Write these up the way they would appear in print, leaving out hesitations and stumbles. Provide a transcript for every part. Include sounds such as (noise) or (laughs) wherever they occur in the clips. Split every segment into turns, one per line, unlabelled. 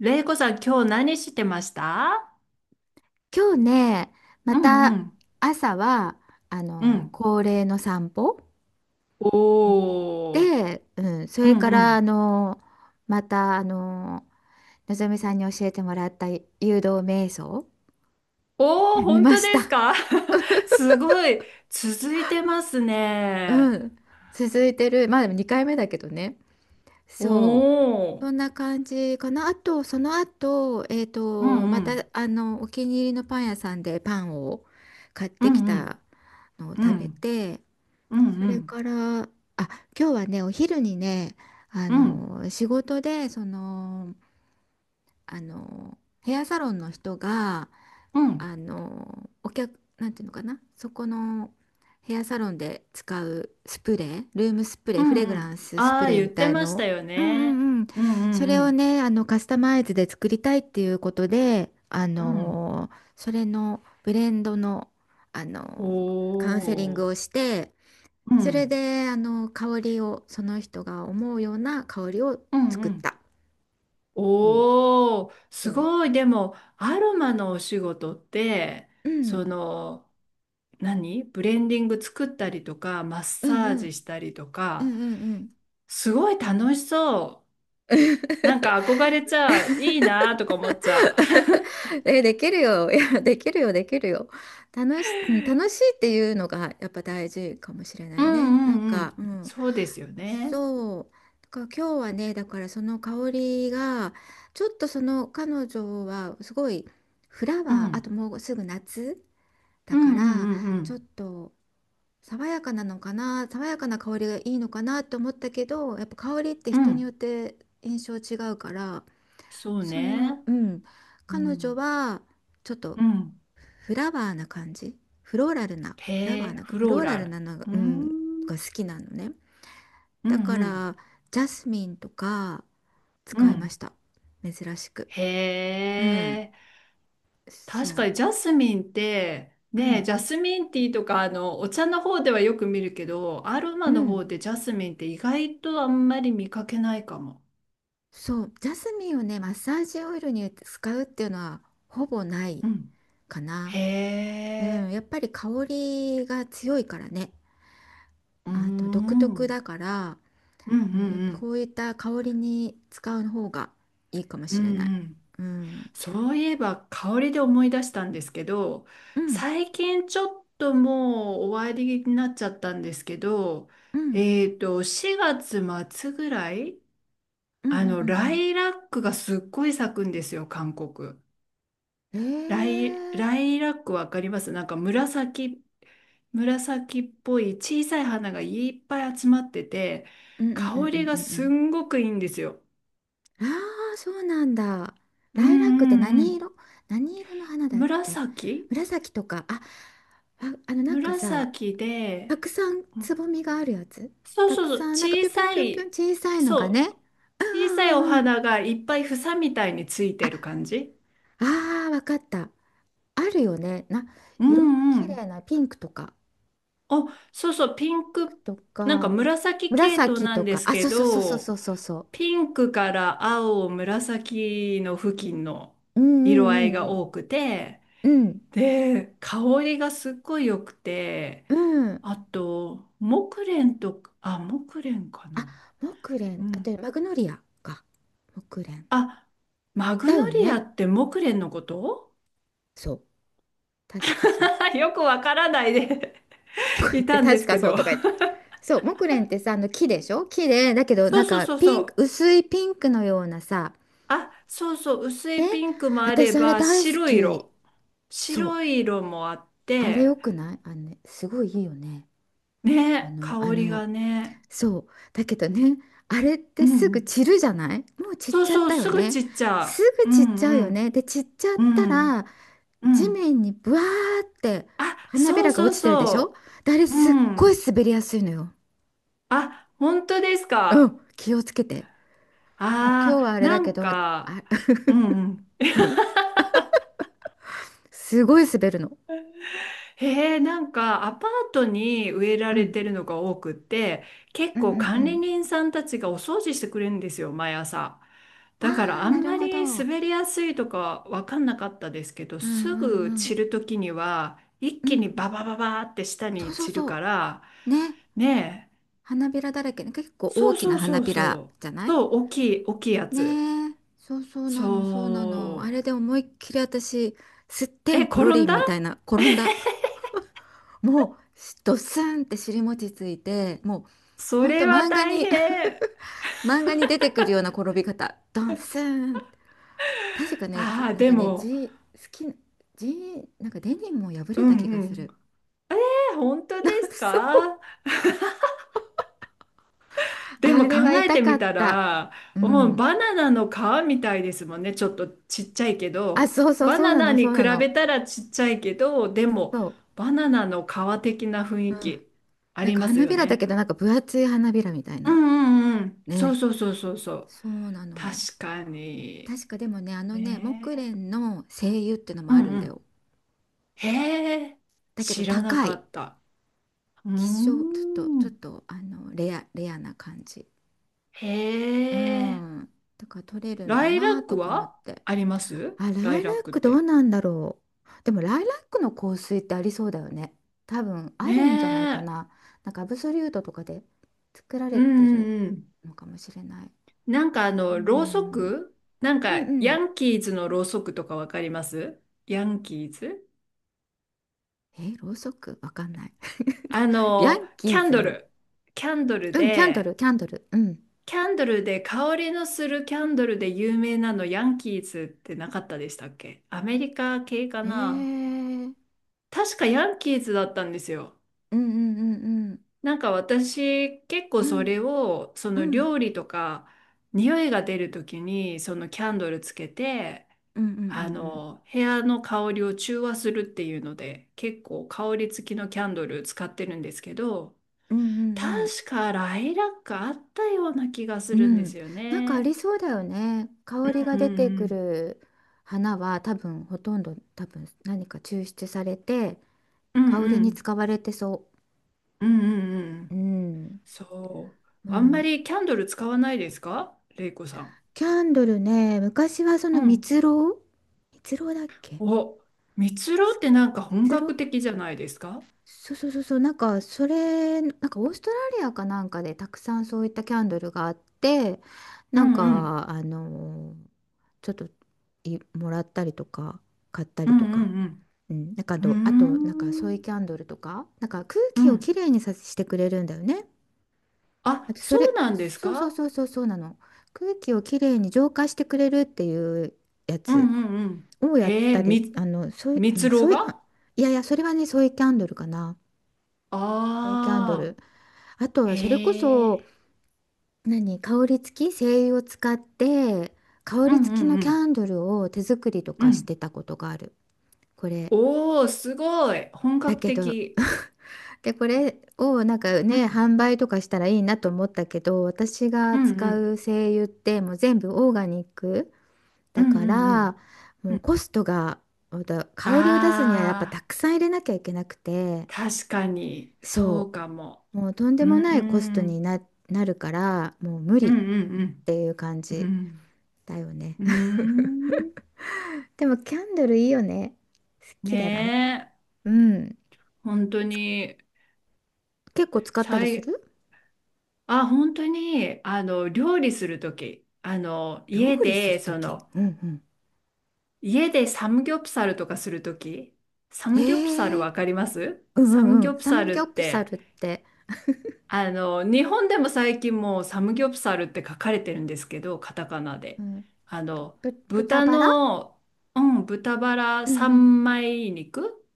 れいこさん、今日何してました？
今日ね、ま
うんう
た
ん。
朝は、
うん。
恒例の散歩に行っ
おー。
て、うん、そ
う
れ
ん
か
う
ら、
ん。
また、のぞみさんに教えてもらった誘導瞑想 (laughs)
おー、
見
本
ま
当で
し
す
た。
か？ (laughs) すごい。続いてますね。
うん。続いてる。まあでも2回目だけどね。
お
そう。そ
ー。
んな感じかな。あと、その後、
うんう
また、
ん。
お気に入りのパン屋さんでパンを買っ
う
てき
んうん。
たのを
う
食べ
ん。
て、
うん
そ
う
れ
ん。
から、あ、今日はね、お昼にね、
うん。
仕事で、ヘアサロンの人が、
うん。
お客、なんていうのかな、そこのヘアサロンで使うスプレー、ルームスプレ
う
ー、フ
ん
レグ
う
ラ
ん。
ンスス
あ
プ
あー、
レー
言
み
って
たい
まし
の、
たよ
うんう
ね。
んうん、
うんう
そ
ん
れ
う
を
ん。
ね、カスタマイズで作りたいっていうことで、
うん。
それのブレンドの、あ
お
の、カウンセリング
ー。
をして、
う
それ
ん。
で、香りを、その人が思うような香りを
うんう
作っ
ん。
た。うん。
おー、
そ
す
う。
ごい。でも、アロマのお仕事って、
うん。
その、何ブレンディング作ったりとか、マッ
うん
サー
う
ジし
ん。
たりと
うん
か、
うんうん。
すごい楽しそ
(laughs)
う。なんか憧れちゃう。いいなーとか思っちゃ
え、できるよ。いや、できるよ、できるよ。うん、楽しいっていうのがやっぱ大事かもしれな
う。(laughs) う
いね。
ん
な
う
ん
んう
か、
ん。
うん。
そうですよね。
そう。だから今日はね、だからその香りが、ちょっとその彼女はすごいフラ
う
ワー、あと
ん。
もうすぐ夏
う
だ
ん
か
うんう
ら、
んう
ちょっ
ん。
と爽やかなのかな、爽やかな香りがいいのかなって思ったけど、やっぱ香りって
う
人によ
ん。
って印象違うから、
そうね。
うん、
う
彼女
ん。
はちょっと
うん。
フラワーな感じ、フローラルな、
へ
フラワー
え、
な、
フ
フ
ロ
ロ
ー
ーラ
ラ
ル
ル。
なのが、
うー
うん、が好
ん。
きなのね。
うん
だか
うん。
らジャスミンとか
う
使いま
ん。
した。珍しく。
へ
うん、
え。
そ
確か
う、
にジャスミンって
う
ねえ、
ん、
ジャスミンティーとかあのお茶の方ではよく見るけど、アロ
う
マの
ん、
方でジャスミンって意外とあんまり見かけないかも。
そう、ジャスミンをね、マッサージオイルに使うっていうのはほぼない。
うん。
かな。
へ
うん、
え。
やっぱり香りが強いからね。
うーん。
あの独
う
特
ん
だから、
うん
うん、やっぱ
う
こ
ん
ういった香りに使う方がいいかも
う
し
ん
れない。
うん、
うん、
そういえば香りで思い出したんですけど、
うん、
最近ちょっともう終わりになっちゃったんですけど、
うん、
4月末ぐらい、
うん、うん、う
ラ
ん、
イラックがすっごい咲くんですよ、韓国。
うん。
ライ、ライラックわかります？なんか紫、紫っぽい小さい花がいっぱい集まってて、
うん、うん、うん、
香
う
り
ん、う
が
んう
す
ん。
んごくいいんですよ。
ああ、そうなんだ。
うん
ライラックって
うんう
何
ん。
色？何色の花だっけ？
紫。
紫とか。あ、あ、なんかさ、
紫
た
で、
くさん
う
つ
ん、
ぼみがあるやつ、
そう
た
そ
く
うそう、
さんなんか
小
ぴょんぴょんぴ
さ
ょんぴょん
い、
小さいの
そ
が
う、
ね。うん
小
う
さい
ん
お
うんうん。
花がいっぱい房みたいについて
あ
る感じ。
あー、わかった。あるよね、な、
う
いろんな
んう
綺
ん。
麗なピンクとか
あ、そうそう、ピンク、
と
なんか
か
紫系統
紫
な
と
んで
か。
す
あ、
け
そうそうそうそうそ
ど、
うそうそ
ピンクから青、紫の付近の
う。う
色合
ん
い
う
が
ん
多くて、
うんうん
で、香りがすっごい良くて、
うんうん。
あと、木蓮とか、あ、木蓮かな。
あ、木
う
蓮、あと
ん。
マグノリアか。木蓮
あ、マ
だ
グ
よ
ノリア
ね。
って木蓮のこと？
そう。確かそう。
(laughs) よくわからないで
(laughs) とか
(laughs)
言っ
い
て、
たんで
確
す
か
け
そう
ど。
とか言って。そう、木蓮ってさ、あの木でしょ、木で、だけ
(laughs)
どな
そう
ん
そう
か
そう
ピ
そ
ンク、
う。
薄いピンクのようなさ、
あ、そうそう、薄
ね、
いピンクもあれ
私あれ
ば、
大好
白い
き。
色。
そ
白
う、
い色もあっ
あれよ
て、
くない？あのね、すごいいいよね。あ
ね、
の、
香
あ
り
の、
がね。
そう、だけどね、あれっ
う
て
んう
すぐ
ん。
散るじゃない。もう散っ
そう
ちゃっ
そう、
たよ
すぐ
ね。
散っち
す
ゃ
ぐ
う。う
散っちゃう
んう
よね。
ん。
で、散っちゃっ
う
たら、
ん。う
地
ん。
面にブワーって
あ、
花び
そう
らが
そ
落
う
ちてるでしょ。
そ
であれ
う。う
すっごい
ん。
滑りやすいのよ。
あ、本当です
う
か。
ん、気をつけて。もう今
あ
日は
あ、
あれ
な
だけ
ん
ど、あ、
か、
(laughs)
うんうん。
うん、すごい滑るの。
へえ、なんかアパートに植えら
う
れ
ん、
てるのが多くって、結
うん
構
うんう
管理
ん。
人さんたちがお掃除してくれるんですよ、毎朝。
あ
だから
あ、
あ
な
ん
る
ま
ほど。
り
うん
滑りやすいとかわかんなかったですけど、
う
すぐ
んう
散
ん。
る時には一
う
気に
ん。
ババババーって下
そう
に
そう
散るか
そ
ら、
う。ね。
ね
花びらだらけね。結
え、
構
そ
大
う
き
そ
な
うそ
花
う
びら
そ
じゃ
う、
ない？
そう、大きい、大きいやつ。
ねえ。そうそうな
そ
の、そうなの。あれで思いっきり私、すって
う。え、
んこ
転
ろ
ん
りん
だ？
みたいな、転んだ。もう、ドスンって尻餅ついて、もう、
そ
ほんと
れは
漫画
大
に、
変。
(laughs) 漫画に出てくるような転び方。ドスンっ。確かね、じ
ああ、
なん
で
かね、
も、
ジ好きな、G なんかデニムも破
う
れた気
ん
が
う
する。
ん。本当で
(laughs)
す
そう。
か？でも
あれは
考え
痛
て
か
み
っ
た
た。
ら、
う
もう
ん。
バナナの皮みたいですもんね。ちょっとちっちゃいけ
あ、
ど、
そうそう、
バ
そう
ナ
な
ナ
の、
に
そう
比
なの。
べたらちっちゃいけど、でも
そ
バナナの皮的な雰
う。
囲
うん。
気あ
なん
り
か
ます
花
よ
びらだけ
ね。
ど、なんか分厚い花びらみたい
う
な。
んうんうん。そ
ね。
うそうそうそうそう。
そうなの。
確かに。
確かでもね、あのね、木
ね
蓮の精油っての
え。
も
う
あ
ん
るん
う
だよ。
ん。へえ。
だけど
知らな
高
か
い。
った。うー
希少、ちょっ
ん。
と、レアな感じ。
へ
う
え。
ん。だから取れるん
ラ
だ
イラッ
なと
ク
か思っ
は
て。
あります、
あ、
ラ
ラ
イ
イ
ラ
ラ
ッ
ッ
クっ
クどう
て？
なんだろう。でもライラックの香水ってありそうだよね。多分あ
ね
るんじゃないか
え。
な。なんかアブソリュートとかで作ら
う
れ
ん
て
う
る
んうん。
のかもしれない。
なんか
う
ろうそ
ん、
く、なん
うん
か、
う
ヤ
ん。
ンキーズのろうそくとかわかります？ヤンキーズ、
え、ろうそくわかんない。(laughs) ヤンキ
キャ
ー
ン
ズ
ド
の。
ル。キャンドル
うん、キャンド
で、
ル、キャンドル。うん。
キャンドルで香りのするキャンドルで有名なのヤンキーズってなかったでしたっけ？アメリカ系か
へえ。
な。
うん
確かヤンキーズだったんですよ。
うんうんうん。
なんか私結
う
構そ
ん
れをそ
う
の
ん
料理とか匂いが出る時にそのキャンドルつけて、
うんうんう
あ
ん
の部屋の香りを中和するっていうので結構香り付きのキャンドル使ってるんですけど、
うんうんうんうん
確かライラックあったような気がす
う
るんで
ん、
すよ
なんかあ
ね。
りそうだよね。香りが
う
出てく
ん
る花は多分ほとんど多分何か抽出されて
うん
香
う
りに
ん
使われてそ
うんうんうんうんう
う。う
ん、
ん、
そう、
う
あんま
ん。
りキャンドル使わないですか、レイコさ
キャンドルね、昔はそ
ん？
の
うん、
蜜蝋。蜜蝋だっけ？
お、蜜ろうってなんか本
蜜蝋。
格的じゃないですか？
そうそうそうそう、なんかそれ、なんかオーストラリアかなんかでたくさんそういったキャンドルがあって、
う
なん
んうん。
かちょっともらったりとか買った
う
りと
んう
か。
ん
うん、なんか
う
あと
ん。
な
う
ん
ー
かソイ
ん。
キャンドルとか、なんか空
う
気を
ん。
きれいにさしてくれるんだよね。あ
あ、
とそ
そう
れ、
なんです
そうそう
か？
そうそうそうなの。空気をきれいに浄化してくれるっていうや
うん
つ
うんうん。
をやっ
へえ、
たり、
み、
ソイ、う
蜜
ん
ろう
ソイ、あ、
が？
いやいや、それはね、ソイキャンドルかな。ソイキャンド
ああ
ル。あと
ー、
はそれこ
へ
そ、
え。
何、香り付き、精油を使って、香
うん
り付きの
う
キャ
ん
ンドルを手作りと
うん。
か
う
し
ん。
てたことがある。これ。
おー、すごい。本
だ
格
けど、
的。
で、これをなんか
う
ね、
ん。
販売とかしたらいいなと思ったけど、私が
うんう
使
ん。
う精油ってもう全部オーガニック
う
だ
んう
か
んうん。
ら、もうコストが、また香りを出すにはやっぱ
あ
たくさん入れなきゃいけなくて、
あ、確かに、そ
そ
うかも。
う、もうとんで
うー
もないコストに
ん。
なるから、もう無
う
理
ん
っ
うん
ていう感
うん。う
じ
ん、
だよね。
うーん。
(laughs) でもキャンドルいいよね。好
ね
きだな。
え、
うん。
本当に、
結構使ったり
さ
す
い、
る？
あ、本当に、料理するとき、
料
家
理す
で、
るとき。うんうん。
家でサムギョプサルとかするとき、サ
へ
ムギョプサル
え。
わかります？
うんう
サム
んう
ギョ
ん。
プ
サ
サ
ム
ルっ
ギョプサ
て、
ルって、
日本でも最近もうサムギョプサルって書かれてるんですけど、カタカナ
う
で。
ん、
あの、
豚
豚
バラ。
の、うん、豚バラ
うん
三枚肉、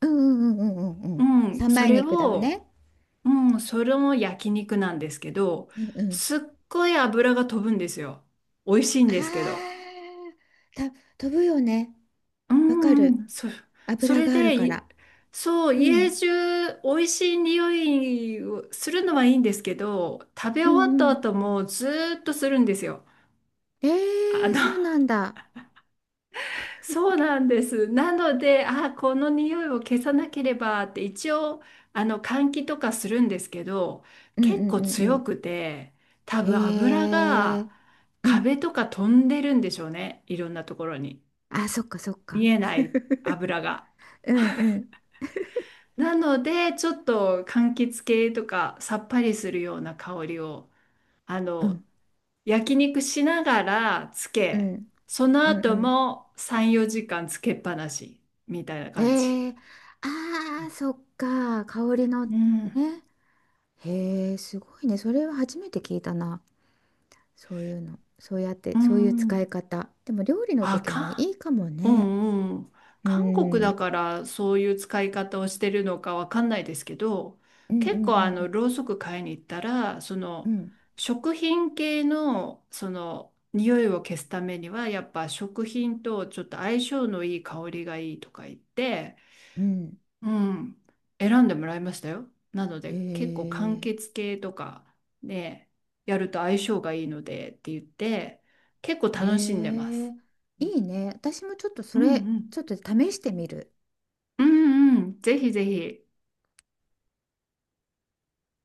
うんうんうんうんうんうん。
うん、
三
そ
枚
れ
肉だよ
を、
ね。
うん、それも焼肉なんですけど、
うんうん。
すっごい油が飛ぶんですよ。美味しいん
あ
ですけど。
ー、飛ぶよね。
う
わかる。
ん、そ、そ
油
れ
がある
で、
か
い、
ら。
そう、
う
家
ん。
中美味しい匂いをするのはいいんですけど、食べ
う
終わった
んう
後
ん。
もずーっとするんですよ。
え
あの、
そうなんだ。
そうなんです。なので、あ、この匂いを消さなければって一応、換気とかするんですけど、
うんう
結構
んう
強
ん
くて、多
うん。
分油
へ
が
え。うん。
壁とか飛んでるんでしょうね。いろんなところに。
あ、そっかそっか。
見えない油が。
うんうん
なので、ちょっと柑橘系とかさっぱりするような香りを、あ
う
の、
ん
焼肉しながらつ
う
け、
ん
その
うん
後
う
も3、4時間つけっぱなしみたいな
ん。
感じ。
あー、そっか。香りのね。
うん、
へえ、すごいね。それは初めて聞いたな。そういうの。そうやっ
う
て、そういう使い
ん。
方。でも料理の
あ、
時に
か、
いいかも
う
ね。
んうん。
う
韓国
ん。う
だ
ん
からそういう使い方をしてるのかわかんないですけど、
うんう
結
ん
構
う
ろ
ん
うそく買いに行ったら、
うん。
食品系の、匂いを消すためには、やっぱ食品とちょっと相性のいい香りがいいとか言って、
うん
うん、選んでもらいましたよ。なの
へ
で結構完
え。
結系とかでやると相性がいいのでって言って結構
へ
楽しんでま
え。
す。
いいね。私もちょっとそ
うん
れ、
う
ち
ん。
ょっと試してみる。
うんうん。ぜひぜひ。